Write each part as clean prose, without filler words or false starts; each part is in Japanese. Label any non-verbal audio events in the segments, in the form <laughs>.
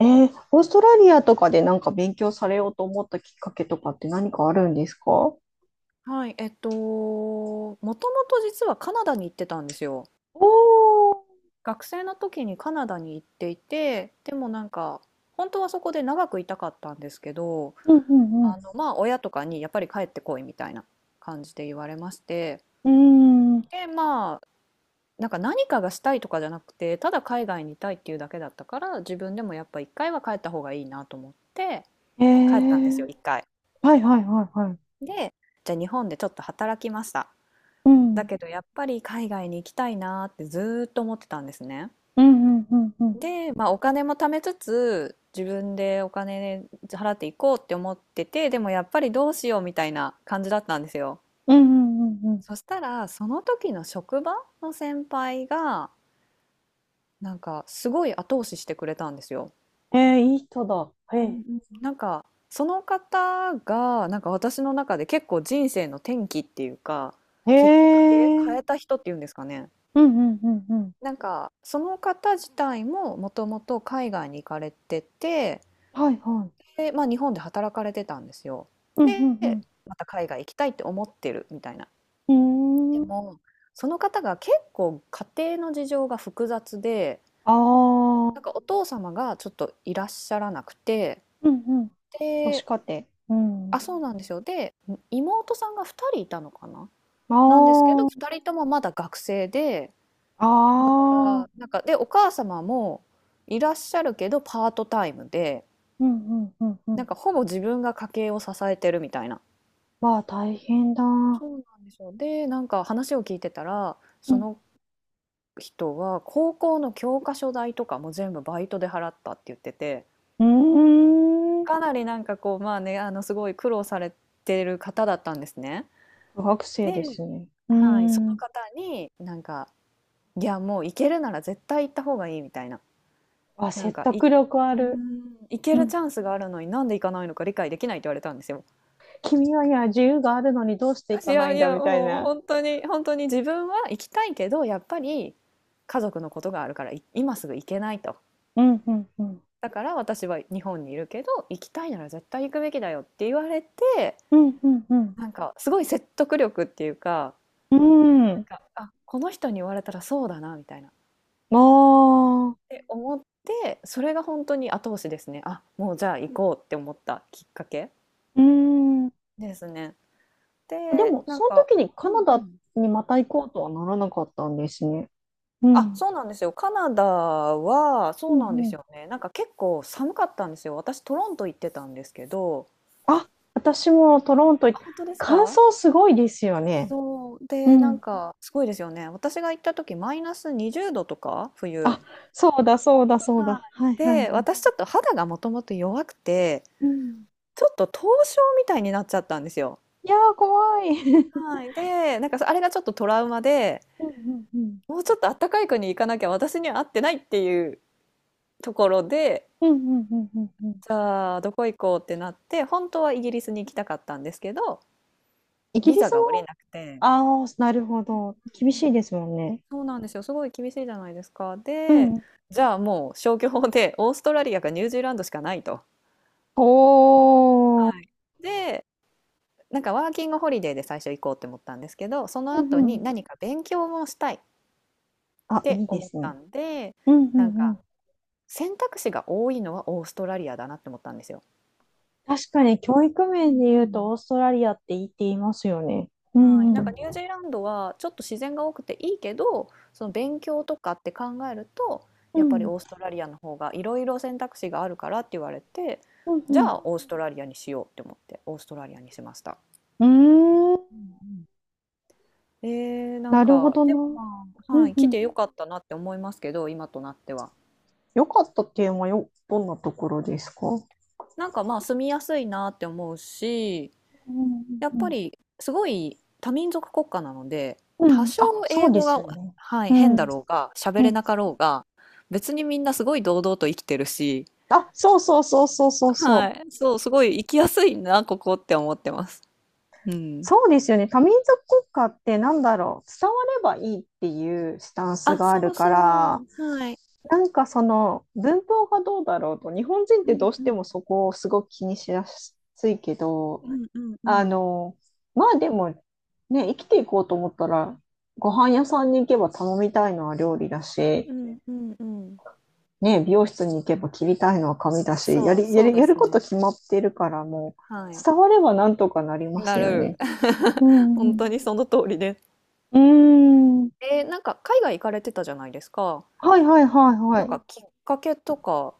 オーストラリアとかでなんか勉強されようと思ったきっかけとかって何かあるんですか？はい、もともと実はカナダに行ってたんですよ。ー、学生の時にカナダに行っていて、でも本当はそこで長くいたかったんですけど、うんうん親とかにやっぱり帰ってこいみたいな感じで言われまして、うん。うで、まあ、なんか何かがしたいとかじゃなくて、ただ海外にいたいっていうだけだったから、自分でもやっぱ一回は帰った方がいいなと思って、ー帰ったんですん。よ、ー、一回。はいはいはいはい。で、じゃあ日本でちょっと働きました。うだん。けどやっぱり海外に行きたいなーってずーっと思ってたんですね。うんうんうんうん。で、まあ、お金も貯めつつ自分でお金払っていこうって思っててでもやっぱりどうしようみたいな感じだったんですよ。うんうんうんうそしたらその時の職場の先輩がなんかすごい後押ししてくれたんですよ。ん。いい人だ。へうんうえ。んなんかその方がなんか私の中で結構人生の転機っていうか、へきっかけえ。変えた人っていうんですかね。うんうんうんうん。なんかその方自体ももともと海外に行かれてて、はいはい。で、まあ、日本で働かれてたんですよ。うんうで、んまた海外行きたいって思ってるみたいな。うん。でうーん。もその方が結構家庭の事情が複雑で、あー。なんかお父様がちょっといらっしゃらなくて、うんうん。母子で、家庭。うん。あ、そうなんですよ。で、妹さんが2人いたのかなあなんですけど、ー。2人ともまだ学生で、あだかー。ら、なんか、で、お母様もいらっしゃるけどパートタイムで。うんうんうんうなんん。かほぼ自分が家計を支えてるみたいな。まあ、大変だ。うん。そうなんですよ。で、なんか話を聞いてたら、その人は高校の教科書代とかも全部バイトで払ったって言ってて、うーん。かなりなんかこう、まあね、すごい苦労されてる方だったんですね。苦学生ですで、ね。うーはい、そのん。方になんか、いや、もう行けるなら絶対行った方がいいみたいな。あ、なん説か、い、う得力あーる。ん、行けうるん。チャンスがあるのになんで行かないのか理解できないって言われたんですよ。君は、いや、自由があるのにどうしていいかなやいいんだや、みたいもうな。本当に、本当に自分は行きたいけど、やっぱり家族のことがあるから、今すぐ行けないと。うん。うん。うん。だから私は日本にいるけど、行きたいなら絶対行くべきだよって言われて、うん。うん。なんかすごい説得力っていうか、うん。うなんん。か、あ、この人に言われたらそうだな、みたいな。っああ、て思って、それが本当に後押しですね。あ、もうじゃあ行こうって思ったきっかけうん。あ。ですね。でで、も、なんそのか、時にうんカうナダん。にまた行こうとはならなかったんですね。うあ、ん。そうなんですよ。カナダは、うそうなんでんうすん。よね。なんか結構寒かったんですよ。私、トロント行ってたんですけど、あ、私もトロント行あ、っ、本当です感か。想すごいですよね。そう。うで、なんん。か、すごいですよね。私が行った時、マイナス20度とか、冬。あ、そうだ、そうだ、そうはだ。い。はい、はい、はで、い。私ちょっと肌がもともと弱くて、うん。ちょっと凍傷みたいになっちゃったんですよ。いやー、怖い。<laughs> はい。で、なんかあれがちょっとトラウマで、うん、うん、うん。もうちょっと暖かい国行かなきゃ私には合ってないっていうところで、うん、うん、うん、うん。うん。じゃあ、どこ行こうってなって、本当はイギリスに行きたかったんですけど、イギビリザスが下りも、なくて、ああ、なるほど。厳しいですもんね。そうなんですよ。すごい厳しいじゃないですか。うで、ん。じゃあもう消去法でオーストラリアかニュージーランドしかないと。おー。はい。で、なんかワーキングホリデーで最初行こうって思ったんですけど、そのうん後うにん。何か勉強もしたいっあ、いていで思っすね。たんで、うんうなんんうかん。選択肢が多いのはオーストラリアだなって思ったんですよ。確かに教育面で言うとオーストラリアって言っていますよね。うはい、んうなんかん。ニュージーランドはちょっと自然が多くていいけど、その勉強とかって考えると、うやっぱりん。オーストラリアの方がいろいろ選択肢があるからって言われて、うじゃあんオーストラリアにしようって思ってオーストラリアにしました。うん。うーうん。んうん。なんなるほか、どでもな。まあ、うはんい、う来ん。てよかったなって思いますけど、今となっては。よかったっていうのはよ、どんなところですか？なんかまあ住みやすいなって思うし、うんやっうんうぱん。りすごい多民族国家なので、う多ん。少あ、そ英うで語すが、よね。はい、う変だん。ろうが、喋うれん。なかろうが、別にみんなすごい堂々と生きてるし、あ、そうそうそうそうそうそはう。い、そう、すごい生きやすいな、ここって思ってます。うん。そうですよね。多民族国家ってなんだろう。伝わればいいっていうスタンスあ、があそるうかそら、う、はい。なんかその文法がどうだろうと、日本人っうてんどうしうてもん。そこをすごく気にしやすいけうど、んうんうあん。の、まあでもね、生きていこうと思ったら、ご飯屋さんに行けば頼みたいのは料理だうし、んうんうん。ね、美容室に行けば切りたいのは髪だし、そう、そうでやるすことね。決まってるから、もう、はい。伝わればなんとかなりますなよる。ね。う <laughs> 本ん当にその通りです。うん。ーん。なんか海外行かれてたじゃないですか。はいはいはいはなんい。かきっかけとか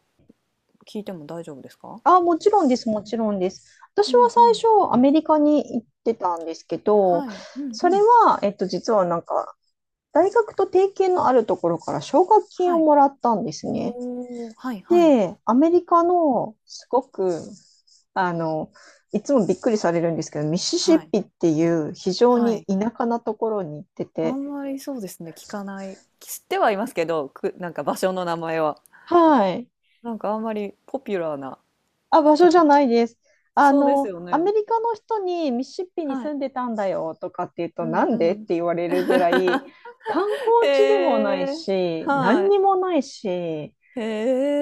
聞いても大丈夫ですか？あ、もちろんです、もちろんです。私うはんう最ん。初、アメリカに行ってたんですけど、はい。うんそうれん。は、実はなんか、大学と提携のあるところから奨学金はをい。もらったんですね。おお、はいはい。で、アメリカのすごく、あの、いつもびっくりされるんですけど、ミシシはッい。ピっていう非常はにい。田舎なところに行ってあて、んまりそうですね、聞かない。知ってはいますけど、く、なんか場所の名前は。はい。なんかあんまりポピュラーなあ、場と所じゃこ。ないです。そうですよアメね。リカの人にミシシッピには住い。んでたんだよとかって言うと、うなんんうでってん。言われるぐらい、観 <laughs> へ光地でもないえ。し、は何い。にもないし、へ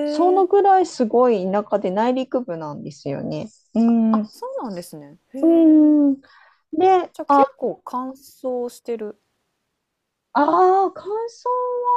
そのえ。ぐらいすごい田舎で内陸部なんですよね。うん。あ、そうなんですね。へえ。うん。で、じゃ、結構乾燥してる。ああ、乾燥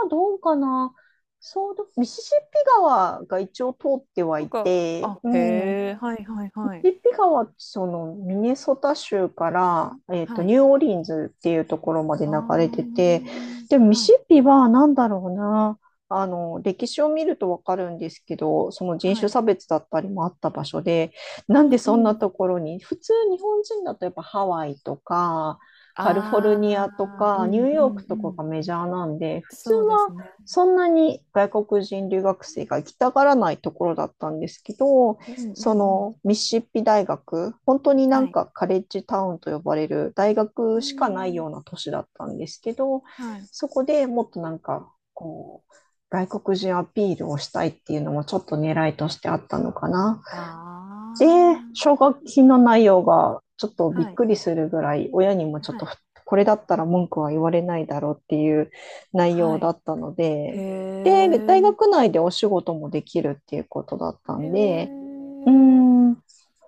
はどうかな。そうだ、ミシシッピ川が一応通ってはなんいかて、あ、うん、へえ、はいはいはい。ピッピ川はそのミネソタ州から、はニい。ューオーリンズっていうところまであ流あ、れてて、ん。でもミはシいッピはなんだろうな、歴史を見るとわかるんですけど、その人は種い。差別だったりもあった場所で、なうんでんうそんなん。ところに、普通日本人だとやっぱハワイとか、あカリフォルニアとあ、うか、ニュんーうヨんーうクとかん。がメジャーなんで、普通そうではすね。そんなに外国人留学生が行きたがらないところだったんですけど、うんうんそうん。のミシシッピ大学、本当になはんい。かカレッジタウンと呼ばれる大うー学しかないようん。な都市だったんですけど、はい。そこでもっとなんかこう、外国人アピールをしたいっていうのもちょっと狙いとしてあったのかな。あで、奨学金の内容がちょっとあ、びっはい、くりするぐらい、親にもちょっはとい、これだったら文句は言われないだろうっていう内容はだい。ったのへで、で、大え。学内でお仕事もできるっていうことだったへんで、うーえ。ん、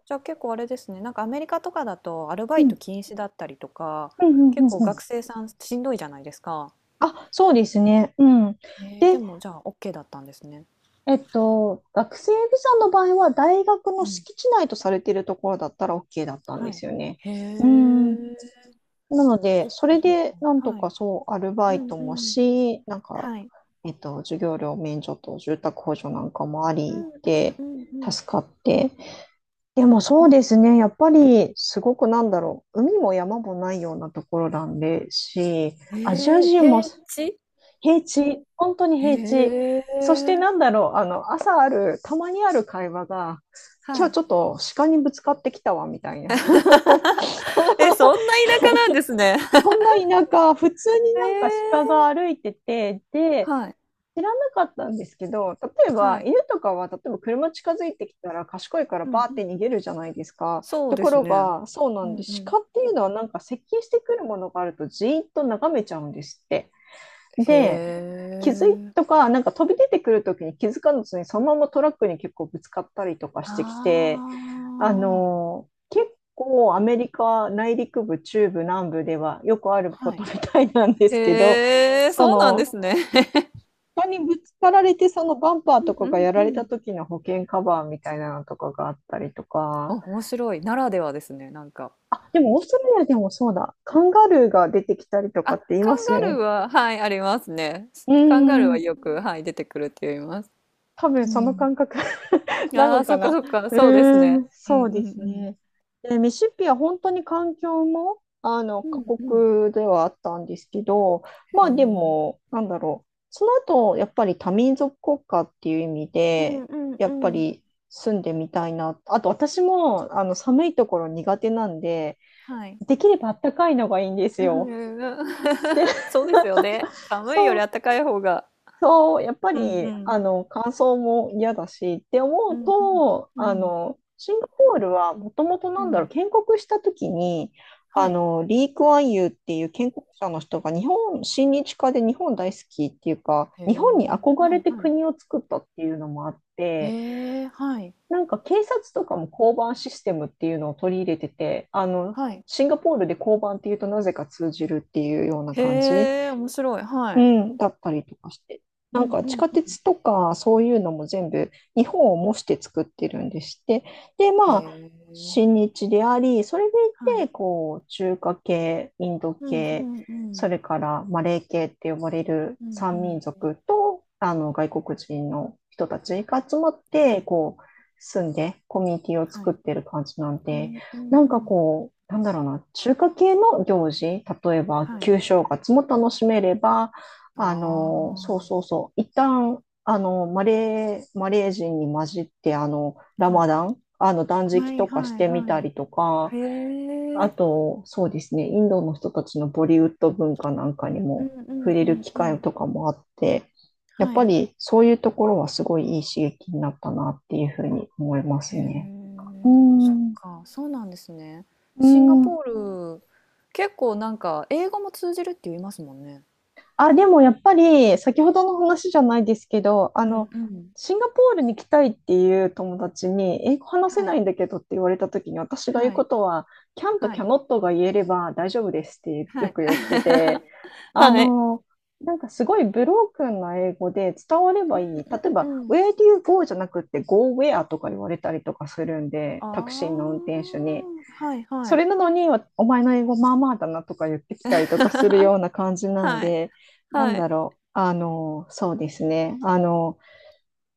じゃ、結構あれですね、なんかアメリカとかだとアルバうイトん。禁止だったりとか、うんうんうんう結構学ん。生さんしんどいじゃないですか。あ、そうですね。うん。でで、もじゃあオッケーだったんですね。学生ビザの場合は大学のうん、敷地内とされているところだったら OK だったんではい。すよね。へうん。え。なので、それ確でかに、なんとはかい。そう、アルバうイんトうもん。ん。し、なんか、はい。授業料免除と住宅補助なんかもあうりんうんで、うんうん。助かって。でもうそうん。ですね、やっぱりすごくなんだろう、海も山もないようなところなんでし、アジアへえ、人も平地？平地、本当に平地。へそしてなえ。んだろう、朝ある、たまにある会話が、今は日い。ちょっと鹿にぶつかってきたわ、みたいな。<laughs> え、そんな田舎なんですね。そんな田舎、普通にへなんか鹿がえ。歩いてて、で、はい、知らなかったんですけど、例えはばい。犬とかは、例えば車近づいてきたら賢いからうバんーうってん。逃げるじゃないですか。そうとでこすろね。が、そうなうんで、んうん。鹿っていうのはなんか接近してくるものがあるとじーっと眺めちゃうんですって。へで、気づいえ。とか、なんか飛び出てくるときに気づかずに、そのままトラックに結構ぶつかったりとかあしてきて、あ、結構アメリカ内陸部、中部、南部ではよくあるこはとい。みたいなんですけど、へえ、そそうなんでの、すね。他にぶつかられて、そのバンパーうとんかうがんやうられたん。時の保険カバーみたいなのとかがあったりとあ、か、面白い。ならではですね、なんか。あ、でもオーストラリアでもそうだ、カンガルーが出てきたりとあ、かって言いカまンすよガルーね。は、はい、ありますね。うーカンガルーはん、よく、はい、出てくるって言います。多分うそのん。感覚 <laughs> なあのあ、かそっかな。そっか、うそうですーね。ん、うんそううでんすうん。ね。で、ミシシッピは本当に環境も、う過んうん。酷ではあったんですけど、へまあでえ。も、なんだろう。その後、やっぱり多民族国家っていう意味うで、んうんやっうぱん。り住んでみたいな。あと私も、寒いところ苦手なんで、はい。できればあったかいのがいいんですうよ。んうん で、<laughs> そうですよね。<laughs> 寒いよそりう、あったかい方が。そう、やっぱうんうり、ん。乾燥も嫌だしって思ううんうん。と、うんシンガポールはもともとうなんだろう、ん。建国した時に、はい。リー・クアンユーっていう建国者の人が日本、親日家で日本大好きっていうか、へ日本にえ、憧はれいてはい。国を作ったっていうのもあって、へえ、はい。なんか警察とかも交番システムっていうのを取り入れてて、はい。シンガポールで交番っていうとなぜか通じるっていうような感じ。へえ、面白い。はうい。ん、だったりとかして。うなんんかう地ん下うん。鉄とかそういうのも全部日本を模して作ってるんでして。で、へまあ、え。親日でありそれではいい。て、こう、中華系、インドうんう系、んうそん。れからマレー系って呼ばれるうんう三ん民うん。族と、外国人の人たちが集まっはて、いこう、住んでコミュニティをは作っい。てる感じなんうで、んうなんんうかん。こう、なんだろうな、中華系の行事、例えばはい。旧正月も楽しめれば、あそうそうそう。一旦、マレー人に混じって、ラあ、はマい。ダン、断なは食るといほど。かはしいてみたはい。りとか、へあえ。と、そうですね、インドの人たちのボリウッド文化なんかにうんもう触んれうるん機う会ん。とかもあって、やっはぱいりそういうところはすごいいい刺激になったなっていうふうに思いはい。うんうんうん。はい。ああ、はいはいはいはますね。うい。へえ。そっん。か、そうなんですね。うシンガポん。ール、結構なんか英語も通じるって言いますもんね。あ、でもやっぱり、先ほどの話じゃないですけど、うんうん。シンガポールに来たいっていう友達に、英語話せはないいんだけどって言われた時に、私が言うはこいとは、キャンとはキいャノットが言えれば大丈夫ですってはよい く言ってて、<laughs>。あはい。の、なんかすごいブロークンな英語で伝われうばんいい。例えうば、んうん。Where do you go? じゃなくて、Go where とか言われたりとかするんで、タクシーの運あ転手に。あ、はいはそれい なのに、お前の英語まあまあだなとか言ってきたりとかするような感じ <laughs>。なんはい、で、なんはい。だろう、そうですね、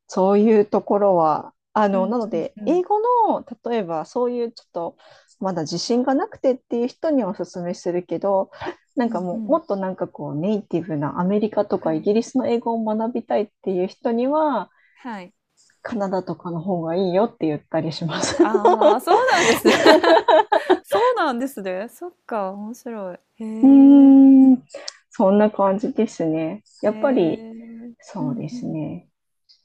そういうところは、うんうなのんで、う英ん。語の、例えばそういうちょっと、まだ自信がなくてっていう人にはおすすめするけど、なうんかんうもう、もん。っとなんかこう、ネイティブなアメリカとはかイい、ギリスの英語を学びたいっていう人には、はい。カナダとかの方がいいよって言ったりします。<laughs> ああ、そうなんですね。<laughs> そうなんですね。そっか、面白い。へうえ、ーん、そんな感じですね。やっへぱり、え。うそうんでうすんね。